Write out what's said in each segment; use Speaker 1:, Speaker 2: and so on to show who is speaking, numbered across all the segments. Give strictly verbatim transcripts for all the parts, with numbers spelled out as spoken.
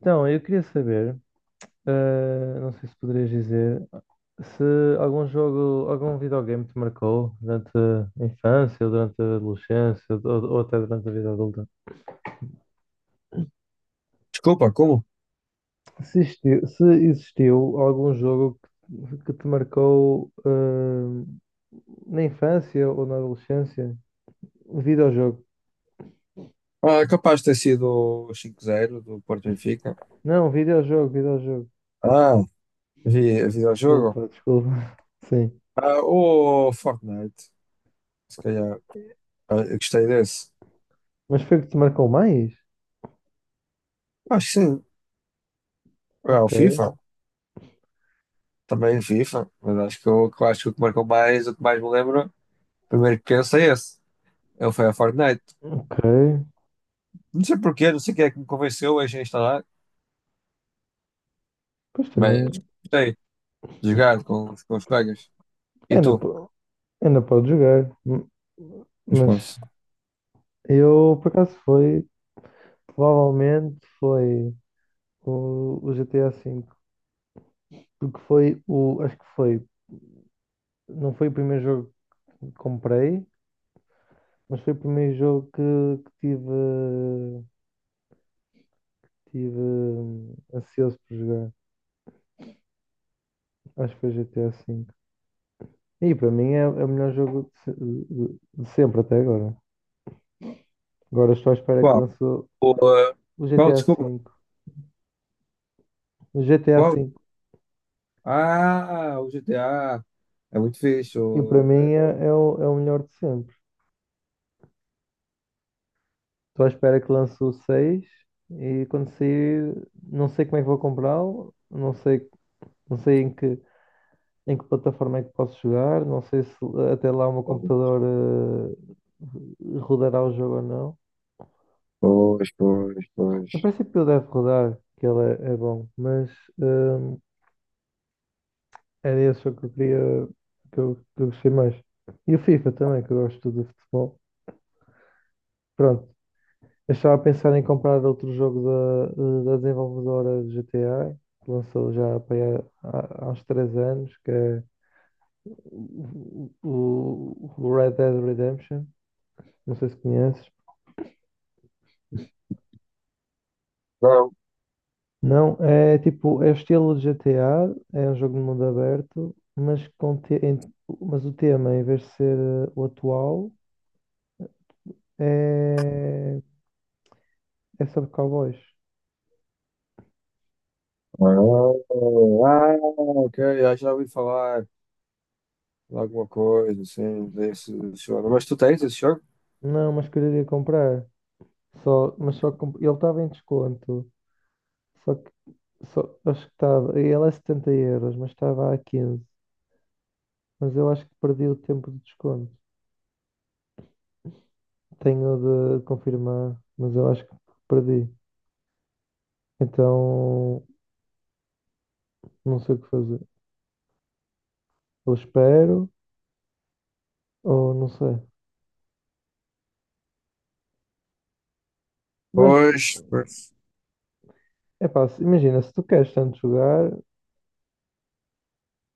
Speaker 1: Então, eu queria saber, eh, não sei se poderias dizer, se algum jogo, algum videogame te marcou durante a infância, ou durante a adolescência, ou, ou até durante a vida adulta.
Speaker 2: Desculpa, como?
Speaker 1: Se existiu, se existiu algum jogo que, que te marcou, eh, na infância ou na adolescência. Um videojogo.
Speaker 2: Ah, é capaz de ter sido o cinco a zero do Porto Benfica.
Speaker 1: Não, um videojogo, videojogo.
Speaker 2: Ah, vi, vi o jogo.
Speaker 1: Desculpa, desculpa. Sim.
Speaker 2: Ah, o Fortnite. Se calhar. Ah, eu gostei desse.
Speaker 1: Mas foi o que te marcou mais?
Speaker 2: Acho que sim. Ah, o
Speaker 1: Ok,
Speaker 2: FIFA. Também FIFA. Mas acho que o que eu acho que o que marcou mais, o que mais me lembro, primeiro que penso é esse. Ele foi a Fortnite.
Speaker 1: ok.
Speaker 2: Não sei porquê, não sei quem é que me convenceu a instalar,
Speaker 1: Pois
Speaker 2: mas
Speaker 1: também.
Speaker 2: gostei de jogar com, os- com os colegas. E
Speaker 1: É, na.
Speaker 2: tu?
Speaker 1: Ainda pode jogar, m-
Speaker 2: Mas
Speaker 1: mas
Speaker 2: posso.
Speaker 1: eu por acaso foi, provavelmente foi o, o G T G T A V, porque foi o, acho que foi, não foi o primeiro jogo que comprei, mas foi o primeiro jogo que, que tive, tive hum, ansioso por jogar. Acho que foi G T A V. E para mim é, é o melhor jogo de, se- de- de sempre até agora. Agora estou à espera que
Speaker 2: Qual?
Speaker 1: lance o
Speaker 2: O, ah,
Speaker 1: o
Speaker 2: qual?
Speaker 1: G T A
Speaker 2: Desculpa.
Speaker 1: V. O G T G T A
Speaker 2: Qual?
Speaker 1: V,
Speaker 2: Ah, o G T A é muito fixe.
Speaker 1: e para
Speaker 2: o-
Speaker 1: mim é, é o, é o melhor de sempre. Estou à espera que lance o seis e quando sair, não sei como é que vou comprá-lo, não sei, não sei em que, em que plataforma é que posso jogar, não sei se até lá o meu computador eh, rodará o jogo ou não.
Speaker 2: Pois, pois, pois.
Speaker 1: Em princípio ele deve rodar, que ele é, é bom, mas hum, era esse jogo que eu queria, que eu, que eu gostei mais. E o FIFA também, que eu gosto de futebol. Pronto. Eu estava a pensar em comprar outro jogo da, da desenvolvedora de G T A, que lançou já para aí há, há uns três anos, que é o, o- o Red Dead Redemption. Não sei se conheces.
Speaker 2: Não.
Speaker 1: Não, é tipo, é o estilo de G T A, é um jogo de mundo aberto, mas, com te- em- mas o tema, em vez de ser eh, o atual, é, é sobre cowboys.
Speaker 2: Ah, Ah, ok, eu já ouvi falar de alguma coisa assim desse jogo. Mas tu tens esse jogo?
Speaker 1: Não, mas queria comprar. Só, mas só comp- ele estava em desconto. Só que Só- acho que estava. E ela é setenta euros, mas estava a quinze. Mas eu acho que perdi o tempo de desconto. Tenho de confirmar, mas eu acho que perdi. Então, não sei o que fazer. Ou espero, ou não sei. Mas,
Speaker 2: Pois, pois.
Speaker 1: é pá, se- imagina, se tu queres tanto jogar,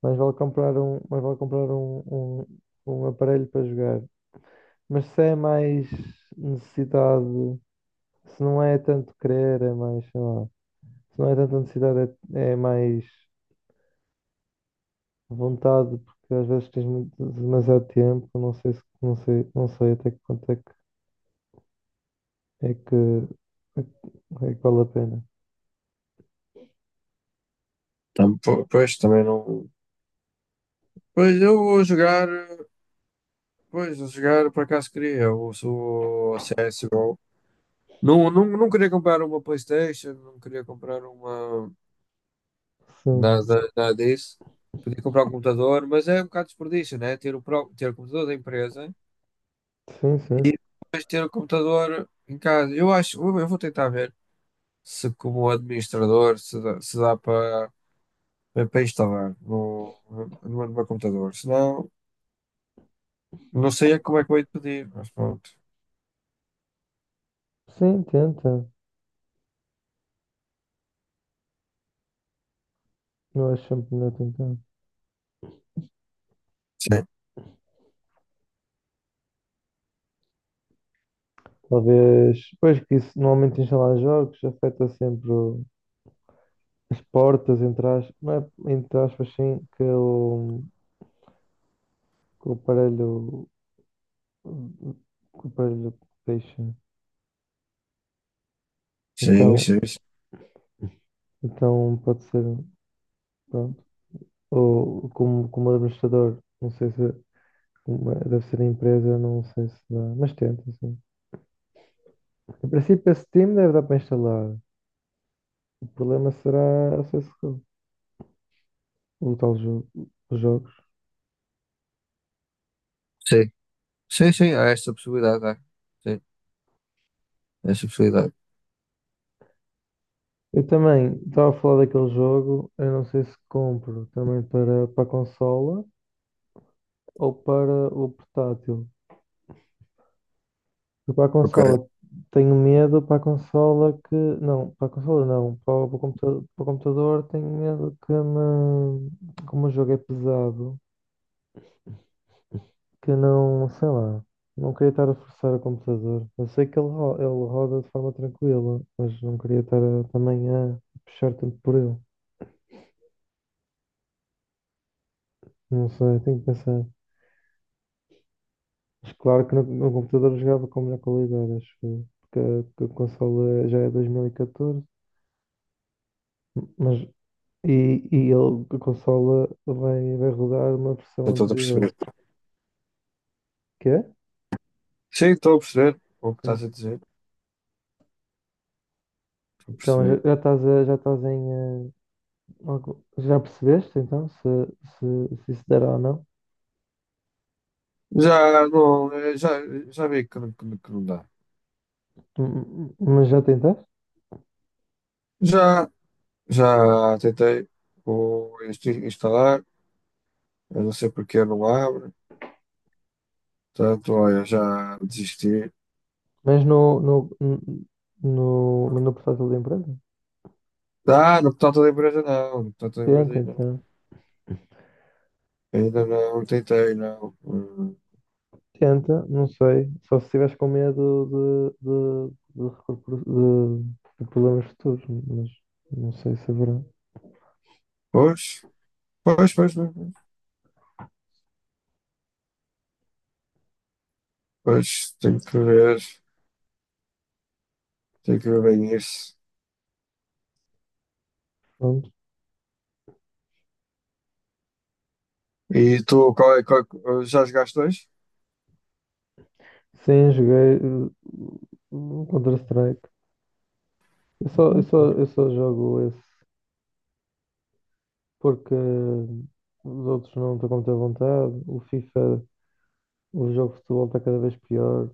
Speaker 1: mais vale comprar um, mais vale comprar um, um, um aparelho para jogar. Mas se é mais necessidade, se não é tanto querer, é mais, sei lá. Se não é tanta necessidade, é, é mais vontade, porque às vezes tens mu- demasiado tempo, não sei se, não sei, não sei até que ponto é que é que, é que é que vale a pena.
Speaker 2: Tam- po- Pois, também não. Pois eu vou jogar, pois, vou jogar, por acaso queria, eu sou C S G O. Não, não, não queria comprar uma PlayStation, não queria comprar uma.
Speaker 1: Sim,
Speaker 2: Nada, nada disso. Podia comprar um computador, mas é um bocado desperdício, né? Ter o, pró- ter o computador da empresa,
Speaker 1: sim, sim.
Speaker 2: mas ter o computador em casa. Eu acho, eu eu vou tentar ver se como administrador se dá, se dá para para instalar no, no, no meu computador. Senão, não sei é como é que vou ir pedir, mas pronto.
Speaker 1: Sim, tenta. Eu acho sempre melhor tentar.
Speaker 2: Sim,
Speaker 1: Talvez, pois que isso normalmente instalar jogos afeta sempre o- as portas, entre aspas, não é, entre aspas, sim, que o, que o aparelho, que o aparelho deixa.
Speaker 2: sim,
Speaker 1: Então,
Speaker 2: sim. Sim,
Speaker 1: então pode ser, pronto. Ou como, como administrador, não sei se uma- deve ser a empresa, não sei se dá, mas tenta, sim. Em princípio, esse time deve dar para instalar. O problema será a C S G O, o o um tal jogo, os jogos.
Speaker 2: sim, sim, sim, há essa possibilidade, há. Sim, há essa possibilidade.
Speaker 1: Eu também estava a falar daquele jogo, eu não sei se compro também para, para a consola ou para o portátil. Eu para a
Speaker 2: Ok,
Speaker 1: consola tenho medo, para a consola que. Não, para a consola não, para o, para o computa- para o computador, tenho medo que me, como o jogo é pesado que não, sei lá, não queria estar a forçar o computador. Eu sei que ele, ro- ele roda de forma tranquila, mas não queria estar a- também a puxar tanto por ele. Não sei, tenho que pensar. Mas claro que no, no computador eu jogava com melhor qualidade, acho eu, porque a, que a consola já é dois mil e quatorze, mas e, e ele, a consola vai, vai rodar uma versão
Speaker 2: estou a
Speaker 1: anterior.
Speaker 2: perceber.
Speaker 1: Quê?
Speaker 2: Sim, estou a perceber o que
Speaker 1: Sim.
Speaker 2: estás a dizer. Estou a
Speaker 1: Então já,
Speaker 2: perceber.
Speaker 1: já estás a- já estás em eh, algo- já percebeste então se, se, se isso dará ou não?
Speaker 2: Já não, eh, já, já vi que, não- que, não que não dá.
Speaker 1: M- Mas já tentaste?
Speaker 2: Já, já tentei o inst- instalar, eu não sei porque não abre. Portanto, olha, já desisti.
Speaker 1: Mas no, no, no, mas no portátil da empresa?
Speaker 2: Ah, no portal da empresa não, no portal da empresa
Speaker 1: Tenta,
Speaker 2: ainda não.
Speaker 1: então.
Speaker 2: Ainda não tentei, não. Hum.
Speaker 1: Tenta, não sei. Só se estiveres com medo de, de, de, recorpor- de- de problemas futuros, mas não sei se haverá.
Speaker 2: Pois, pois, pois, pois, pois, pois, tenho que ver, tenho que ver bem isso.
Speaker 1: Pronto.
Speaker 2: E tu, qual é, qual é- já jogaste dois?
Speaker 1: Sim, joguei uh, Counter-Strike. Eu só, eu só, eu só jogo esse porque os outros não estão com muita vontade. O FIFA, o jogo de futebol está cada vez pior.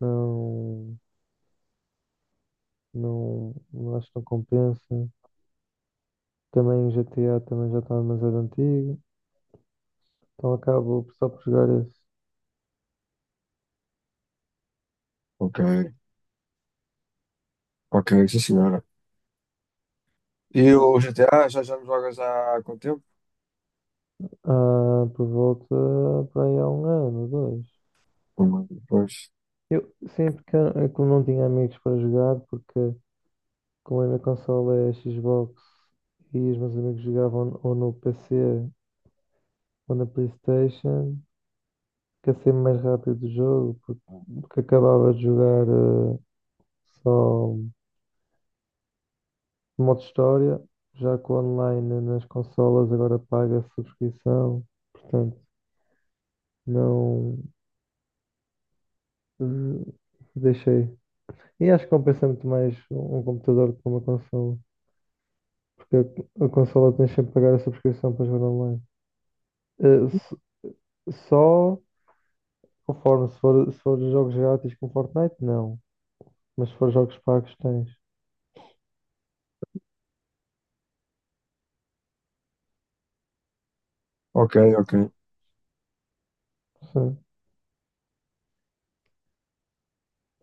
Speaker 1: Não. Não, não acho que não compensa. Também o G T A também já está demasiado antigo, então acabo só por jogar esse.
Speaker 2: Ok, ok, sim senhora. E
Speaker 1: Mas,
Speaker 2: o G T A, já, já não jogas há quanto tempo?
Speaker 1: ah, por volta para aí há um ano, ou dois.
Speaker 2: Pois.
Speaker 1: Eu sempre que eu como não tinha amigos para jogar, porque como a minha consola é a Xbox e os meus amigos jogavam ou no P C ou na PlayStation, que é sempre mais rápido o jogo, porque, porque acabava de jogar eh, só. O modo história, já com online nas consolas, agora paga a subscrição. Portanto, não eh, deixei. E acho que compensa muito mais um computador do que uma consola. Porque a, a consola tens sempre que pagar a subscrição para jogar online. Eh, s- só conforme, se for, se for jogos grátis com Fortnite, não. Mas se for jogos pagos, tens.
Speaker 2: Ok, ok.
Speaker 1: Sim.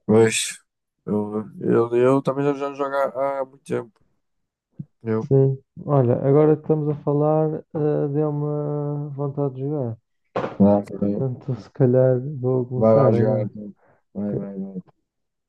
Speaker 2: Mas eu, eu, eu também já já não jogo há, há muito tempo. Eu.
Speaker 1: Sim. Olha, agora que estamos a falar, eh, deu-me vontade de jogar.
Speaker 2: Ah, tá bem.
Speaker 1: Portanto, se calhar vou
Speaker 2: Vai
Speaker 1: começar
Speaker 2: lá jogar,
Speaker 1: agora.
Speaker 2: então. Vai,
Speaker 1: Que
Speaker 2: vai, vai.